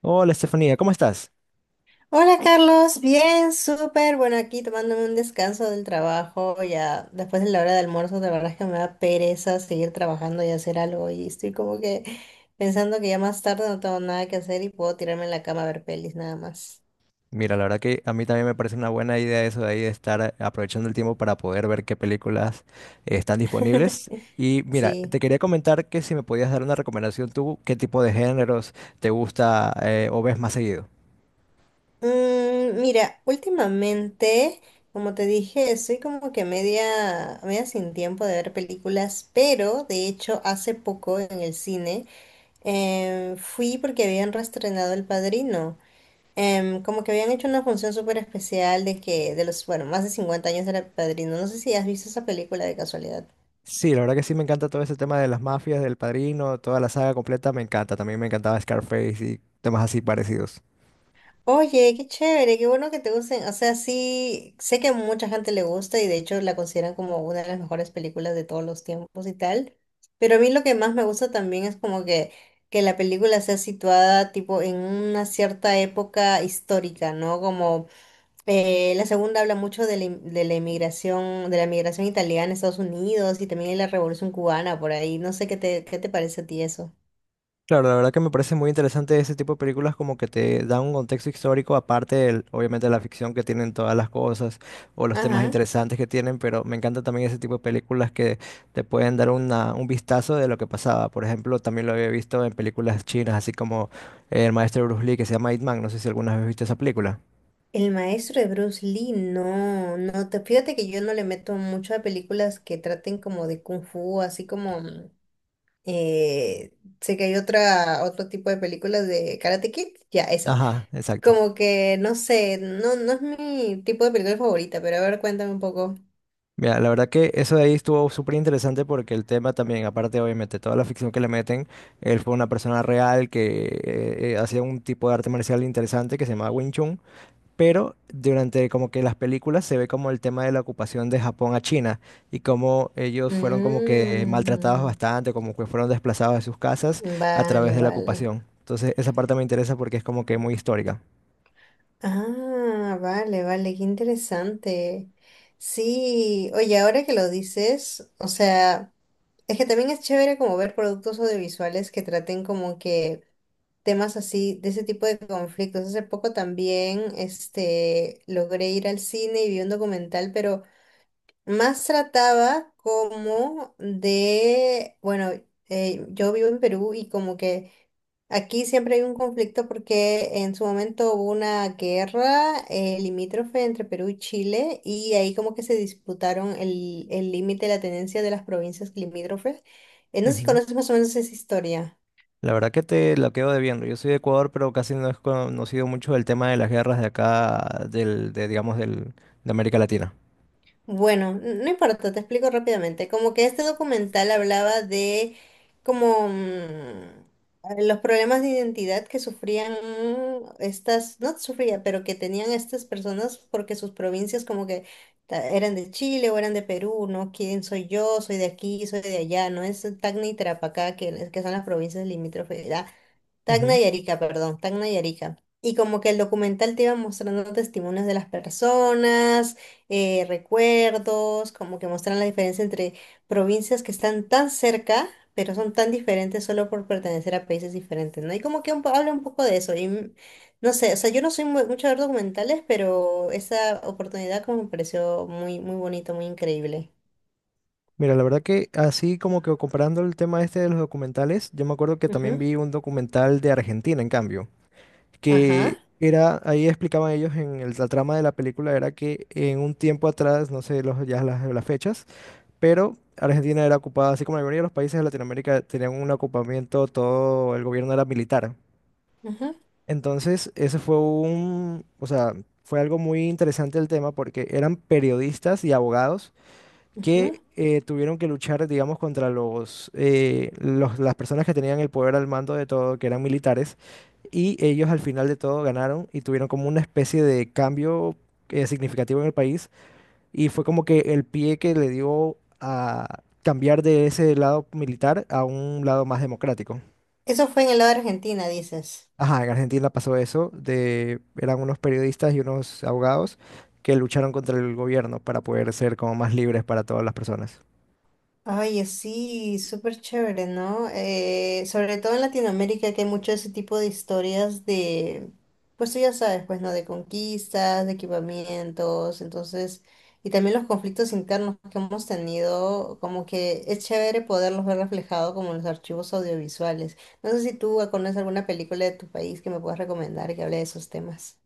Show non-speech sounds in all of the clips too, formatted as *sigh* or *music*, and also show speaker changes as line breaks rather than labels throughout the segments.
Hola Estefanía, ¿cómo estás?
Hola Carlos, bien, súper. Bueno, aquí tomándome un descanso del trabajo, ya después de la hora de almuerzo, la verdad es que me da pereza seguir trabajando y hacer algo y estoy como que pensando que ya más tarde no tengo nada que hacer y puedo tirarme en la cama a ver pelis nada más.
Mira, la verdad que a mí también me parece una buena idea eso de ahí de estar aprovechando el tiempo para poder ver qué películas están disponibles.
*laughs*
Y mira,
Sí.
te quería comentar que si me podías dar una recomendación tú, qué tipo de géneros te gusta o ves más seguido.
Mira, últimamente, como te dije, estoy como que media sin tiempo de ver películas, pero de hecho hace poco en el cine fui porque habían reestrenado El Padrino. Como que habían hecho una función súper especial de que, de los, bueno, más de 50 años era Padrino. No sé si has visto esa película de casualidad.
Sí, la verdad que sí me encanta todo ese tema de las mafias, del Padrino, toda la saga completa me encanta. También me encantaba Scarface y temas así parecidos.
Oye, qué chévere, qué bueno que te gusten. O sea, sí, sé que a mucha gente le gusta y de hecho la consideran como una de las mejores películas de todos los tiempos y tal. Pero a mí lo que más me gusta también es como que la película sea situada tipo en una cierta época histórica, ¿no? Como... la segunda habla mucho de de la inmigración, de la migración italiana a Estados Unidos y también de la Revolución cubana por ahí. No sé qué te parece a ti eso.
Claro, la verdad que me parece muy interesante ese tipo de películas como que te dan un contexto histórico aparte del, obviamente, de la ficción que tienen todas las cosas o los temas
Ajá.
interesantes que tienen, pero me encanta también ese tipo de películas que te pueden dar una, un vistazo de lo que pasaba. Por ejemplo, también lo había visto en películas chinas, así como el maestro Bruce Lee que se llama Ip Man, no sé si alguna vez viste esa película.
El maestro de Bruce Lee, no, fíjate que yo no le meto mucho a películas que traten como de kung fu, así como eh, sé que hay otro tipo de películas de Karate Kid, ya esa.
Ajá, exacto.
Como que no sé, no, no es mi tipo de película favorita, pero a ver, cuéntame un poco.
Mira, la verdad que eso de ahí estuvo súper interesante porque el tema también, aparte obviamente toda la ficción que le meten, él fue una persona real que hacía un tipo de arte marcial interesante que se llamaba Wing Chun, pero durante como que las películas se ve como el tema de la ocupación de Japón a China y cómo ellos fueron como que maltratados
Mm.
bastante, como que fueron desplazados de sus casas a través
Vale,
de la
vale.
ocupación. Entonces esa parte me interesa porque es como que muy histórica.
Ah, vale, vale, qué interesante. Sí, oye, ahora que lo dices, o sea, es que también es chévere como ver productos audiovisuales que traten como que temas así, de ese tipo de conflictos. Hace poco también, este, logré ir al cine y vi un documental, pero más trataba como de, bueno, yo vivo en Perú y como que... Aquí siempre hay un conflicto porque en su momento hubo una guerra limítrofe entre Perú y Chile y ahí como que se disputaron el límite de la tenencia de las provincias limítrofes. No sé si
Ujú.
conoces más o menos esa historia.
La verdad que te la quedo debiendo. Yo soy de Ecuador, pero casi no he conocido mucho el tema de las guerras de acá, del, de, digamos, del, de América Latina.
Bueno, no importa, te explico rápidamente. Como que este documental hablaba de como los problemas de identidad que sufrían estas, no sufría, pero que tenían estas personas porque sus provincias como que eran de Chile o eran de Perú, ¿no? ¿Quién soy yo? Soy de aquí, soy de allá, no es Tacna y Tarapacá, que son las provincias limítrofes. Tacna
Ujú.
y Arica, perdón, Tacna y Arica. Y como que el documental te iba mostrando testimonios de las personas, recuerdos, como que mostran la diferencia entre provincias que están tan cerca, pero son tan diferentes solo por pertenecer a países diferentes, ¿no? Y como que habla un poco de eso. Y no sé, o sea, yo no soy mucho de ver documentales, pero esa oportunidad como me pareció muy, muy bonito, muy increíble.
Mira, la verdad que así como que comparando el tema este de los documentales, yo me acuerdo que también
Ujú,
vi un documental de Argentina, en cambio,
ajá,
que era, ahí explicaban ellos en el- la trama de la película, era que en un tiempo atrás, no sé los, ya las fechas, pero Argentina era ocupada, así como la mayoría de los países de Latinoamérica tenían un ocupamiento, todo el gobierno era militar.
ajá,
Entonces, ese fue un, o sea, fue algo muy interesante el tema porque eran periodistas y abogados
ajá.
que tuvieron que luchar, digamos, contra los- las personas que tenían el poder al mando de todo, que eran militares, y ellos al final de todo ganaron y tuvieron como una especie de cambio significativo en el país y fue como que el pie que le dio a cambiar de ese lado militar a un lado más democrático.
Eso fue en el lado de Argentina, dices.
Ajá, en Argentina pasó eso, de, eran unos periodistas y unos abogados que lucharon contra el gobierno para poder ser como más libres para todas las personas.
Oye, sí, súper chévere, ¿no? Sobre todo en Latinoamérica que hay mucho ese tipo de historias de, pues tú ya sabes, pues, ¿no? De conquistas, de equipamientos, entonces, y también los conflictos internos que hemos tenido, como que es chévere poderlos ver reflejados como en los archivos audiovisuales. No sé si tú conoces alguna película de tu país que me puedas recomendar que hable de esos temas.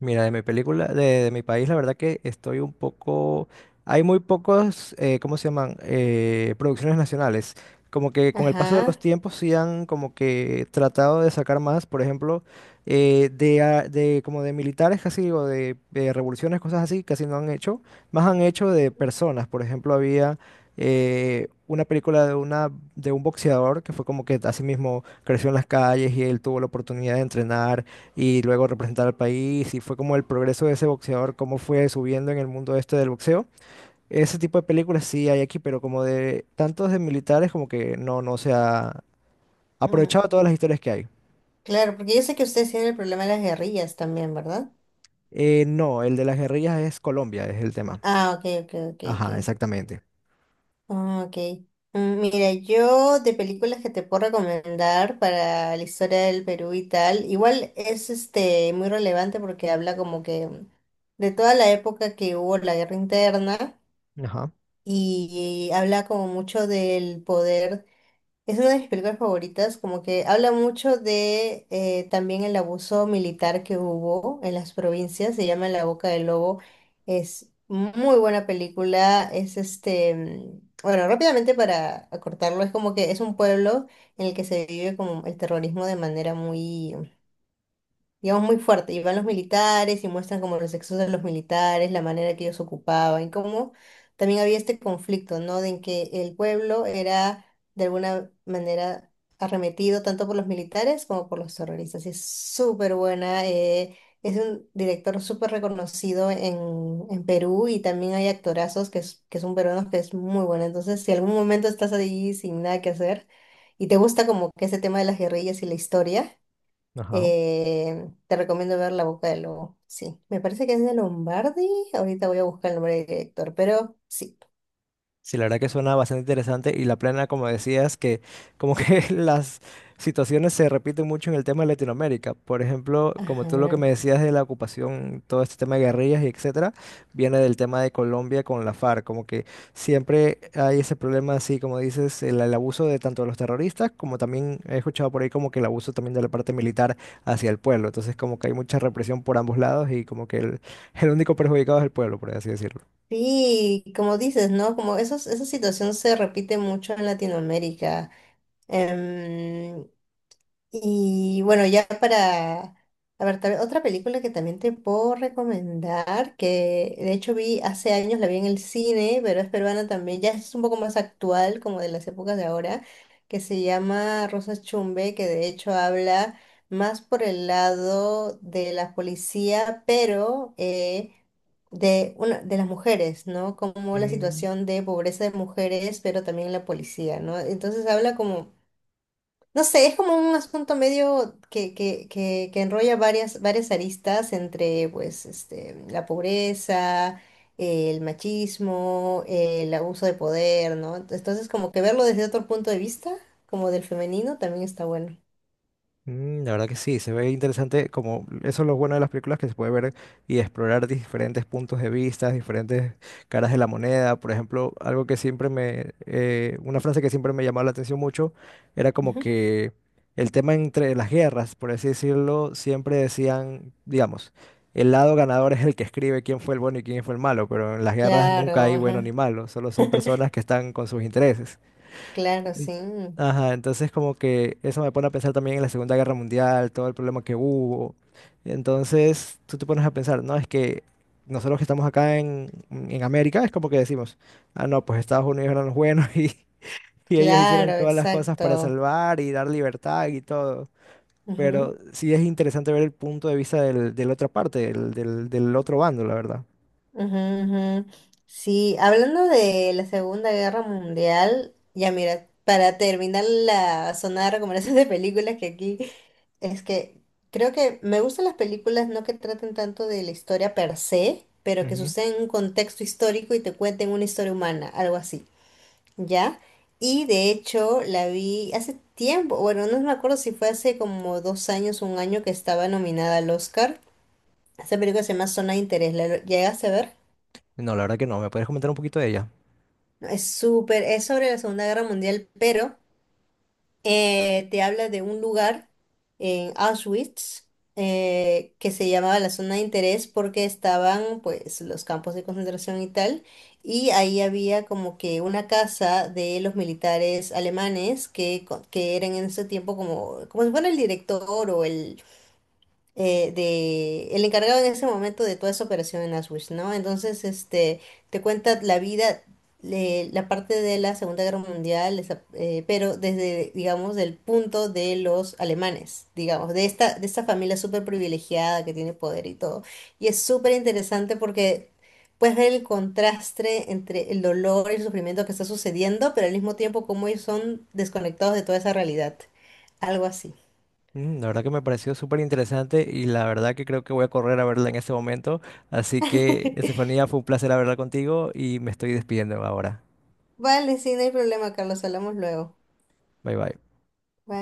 Mira, de mi película, de mi país, la verdad que estoy un poco... Hay muy pocos, ¿cómo se llaman? Producciones nacionales. Como que con el paso de los
Ajá.
tiempos sí han como que tratado de sacar más, por ejemplo, de, a- de como de militares casi o de revoluciones, cosas así, casi no han hecho. Más han hecho de personas. Por ejemplo, había una película de, una, de un boxeador que fue como que así mismo creció en las calles y él tuvo la oportunidad de entrenar y luego representar al país y fue como el progreso de ese boxeador, cómo fue subiendo en el mundo este del boxeo. Ese tipo de películas sí hay aquí, pero como de tantos de militares como que no, no se ha
Mm,
aprovechado todas las historias que hay.
claro, porque yo sé que ustedes tienen el problema de las guerrillas también, ¿verdad?
No, el de las guerrillas es Colombia, es el tema.
Ah, ok, ok, ok, ok.
Ajá, exactamente.
Ah, ok. Mm, mira, yo de películas que te puedo recomendar para la historia del Perú y tal, igual es este muy relevante porque habla como que de toda la época que hubo la guerra interna
Ajá,
y habla como mucho del poder. Es una de mis películas favoritas, como que habla mucho de también el abuso militar que hubo en las provincias, se llama La Boca del Lobo, es muy buena película, es este, bueno, rápidamente para acortarlo, es como que es un pueblo en el que se vive como el terrorismo de manera muy, digamos, muy fuerte. Y van los militares y muestran como los excesos de los militares, la manera que ellos ocupaban y cómo también había este conflicto, ¿no? De en que el pueblo era, de alguna manera, arremetido tanto por los militares como por los terroristas. Y es súper buena. Es un director súper reconocido en Perú y también hay actorazos que, que son peruanos que es muy buena. Entonces, si algún momento estás ahí sin nada que hacer y te gusta como que ese tema de las guerrillas y la historia,
ajá.
te recomiendo ver La Boca del Lobo. Sí, me parece que es de Lombardi. Ahorita voy a buscar el nombre del director, pero sí.
Sí, la verdad que suena bastante interesante y la plena, como decías, que como que *laughs* las situaciones se repiten mucho en el tema de Latinoamérica. Por ejemplo, como tú lo que me
Ajá.
decías de la ocupación, todo este tema de guerrillas y etcétera, viene del tema de Colombia con la FARC. Como que siempre hay ese problema, así como dices, el abuso de tanto de los terroristas como también he escuchado por ahí como que el abuso también de la parte militar hacia el pueblo. Entonces, como que hay mucha represión por ambos lados y como que el único perjudicado es el pueblo, por así decirlo.
Sí, como dices, ¿no? Como esos, esa situación se repite mucho en Latinoamérica. Em, Y bueno, ya para... A ver, otra película que también te puedo recomendar, que de hecho vi hace años, la vi en el cine, pero es peruana también, ya es un poco más actual, como de las épocas de ahora, que se llama Rosas Chumbe, que de hecho habla más por el lado de la policía, pero de las mujeres, ¿no? Como la
Mm,
situación de pobreza de mujeres, pero también la policía, ¿no? Entonces habla como, no sé, es como un asunto medio que enrolla varias aristas entre pues, este, la pobreza, el machismo, el abuso de poder, ¿no? Entonces, como que verlo desde otro punto de vista, como del femenino, también está bueno.
La verdad que sí, se ve interesante como eso es lo bueno de las películas que se puede ver y explorar diferentes puntos de vista, diferentes caras de la moneda. Por ejemplo, algo que siempre me, una frase que siempre me llamaba la atención mucho era como
Ujú.
que el tema entre las guerras, por así decirlo, siempre decían, digamos, el lado ganador es el que escribe quién fue el bueno y quién fue el malo, pero en las guerras nunca
Claro,
hay bueno ni
ajá,
malo, solo son personas que están con sus intereses.
claro, sí,
Ajá, entonces como que eso me pone a pensar también en la Segunda Guerra Mundial, todo el problema que hubo. Entonces tú te pones a pensar, no, es que nosotros que estamos acá en América es como que decimos, ah, no, pues Estados Unidos eran los buenos *laughs* y ellos hicieron
claro,
todas las cosas para
exacto.
salvar y dar libertad y todo.
Ujú.
Pero sí es interesante ver el punto de vista del, de la otra parte, del, del, del otro bando, la verdad.
Ujú, ujú. Sí, hablando de la Segunda Guerra Mundial, ya mira, para terminar la zona de recomendación de películas que aquí es que creo que me gustan las películas no que traten tanto de la historia per se, pero que
Ujú.
suceden en un contexto histórico y te cuenten una historia humana, algo así, ¿ya? Y de hecho la vi hace tiempo, bueno, no me acuerdo si fue hace como 2 años, un año que estaba nominada al Oscar. Esa película se llama Zona de Interés, ¿la llegaste a ver?
No, la verdad que no. ¿Me puedes comentar un poquito de ella?
Es súper, es sobre la Segunda Guerra Mundial, pero te habla de un lugar en Auschwitz que se llamaba la zona de interés porque estaban pues los campos de concentración y tal, y ahí había como que una casa de los militares alemanes que eran en ese tiempo como, como si fuera el director o el de el encargado en ese momento de toda esa operación en Auschwitz, ¿no? Entonces, este, te cuenta la vida, la parte de la Segunda Guerra Mundial, pero desde, digamos, del punto de los alemanes, digamos, de esta familia súper privilegiada que tiene poder y todo. Y es súper interesante porque puedes ver el contraste entre el dolor y el sufrimiento que está sucediendo, pero al mismo tiempo cómo ellos son desconectados de toda esa realidad. Algo así.
Mm, la verdad que me pareció súper interesante y la verdad que creo que voy a correr a verla en ese momento. Así que, Estefanía, fue un placer hablar contigo y me estoy despidiendo ahora.
Vale, sí, no hay problema, Carlos, hablamos luego.
Bye bye.
Bye.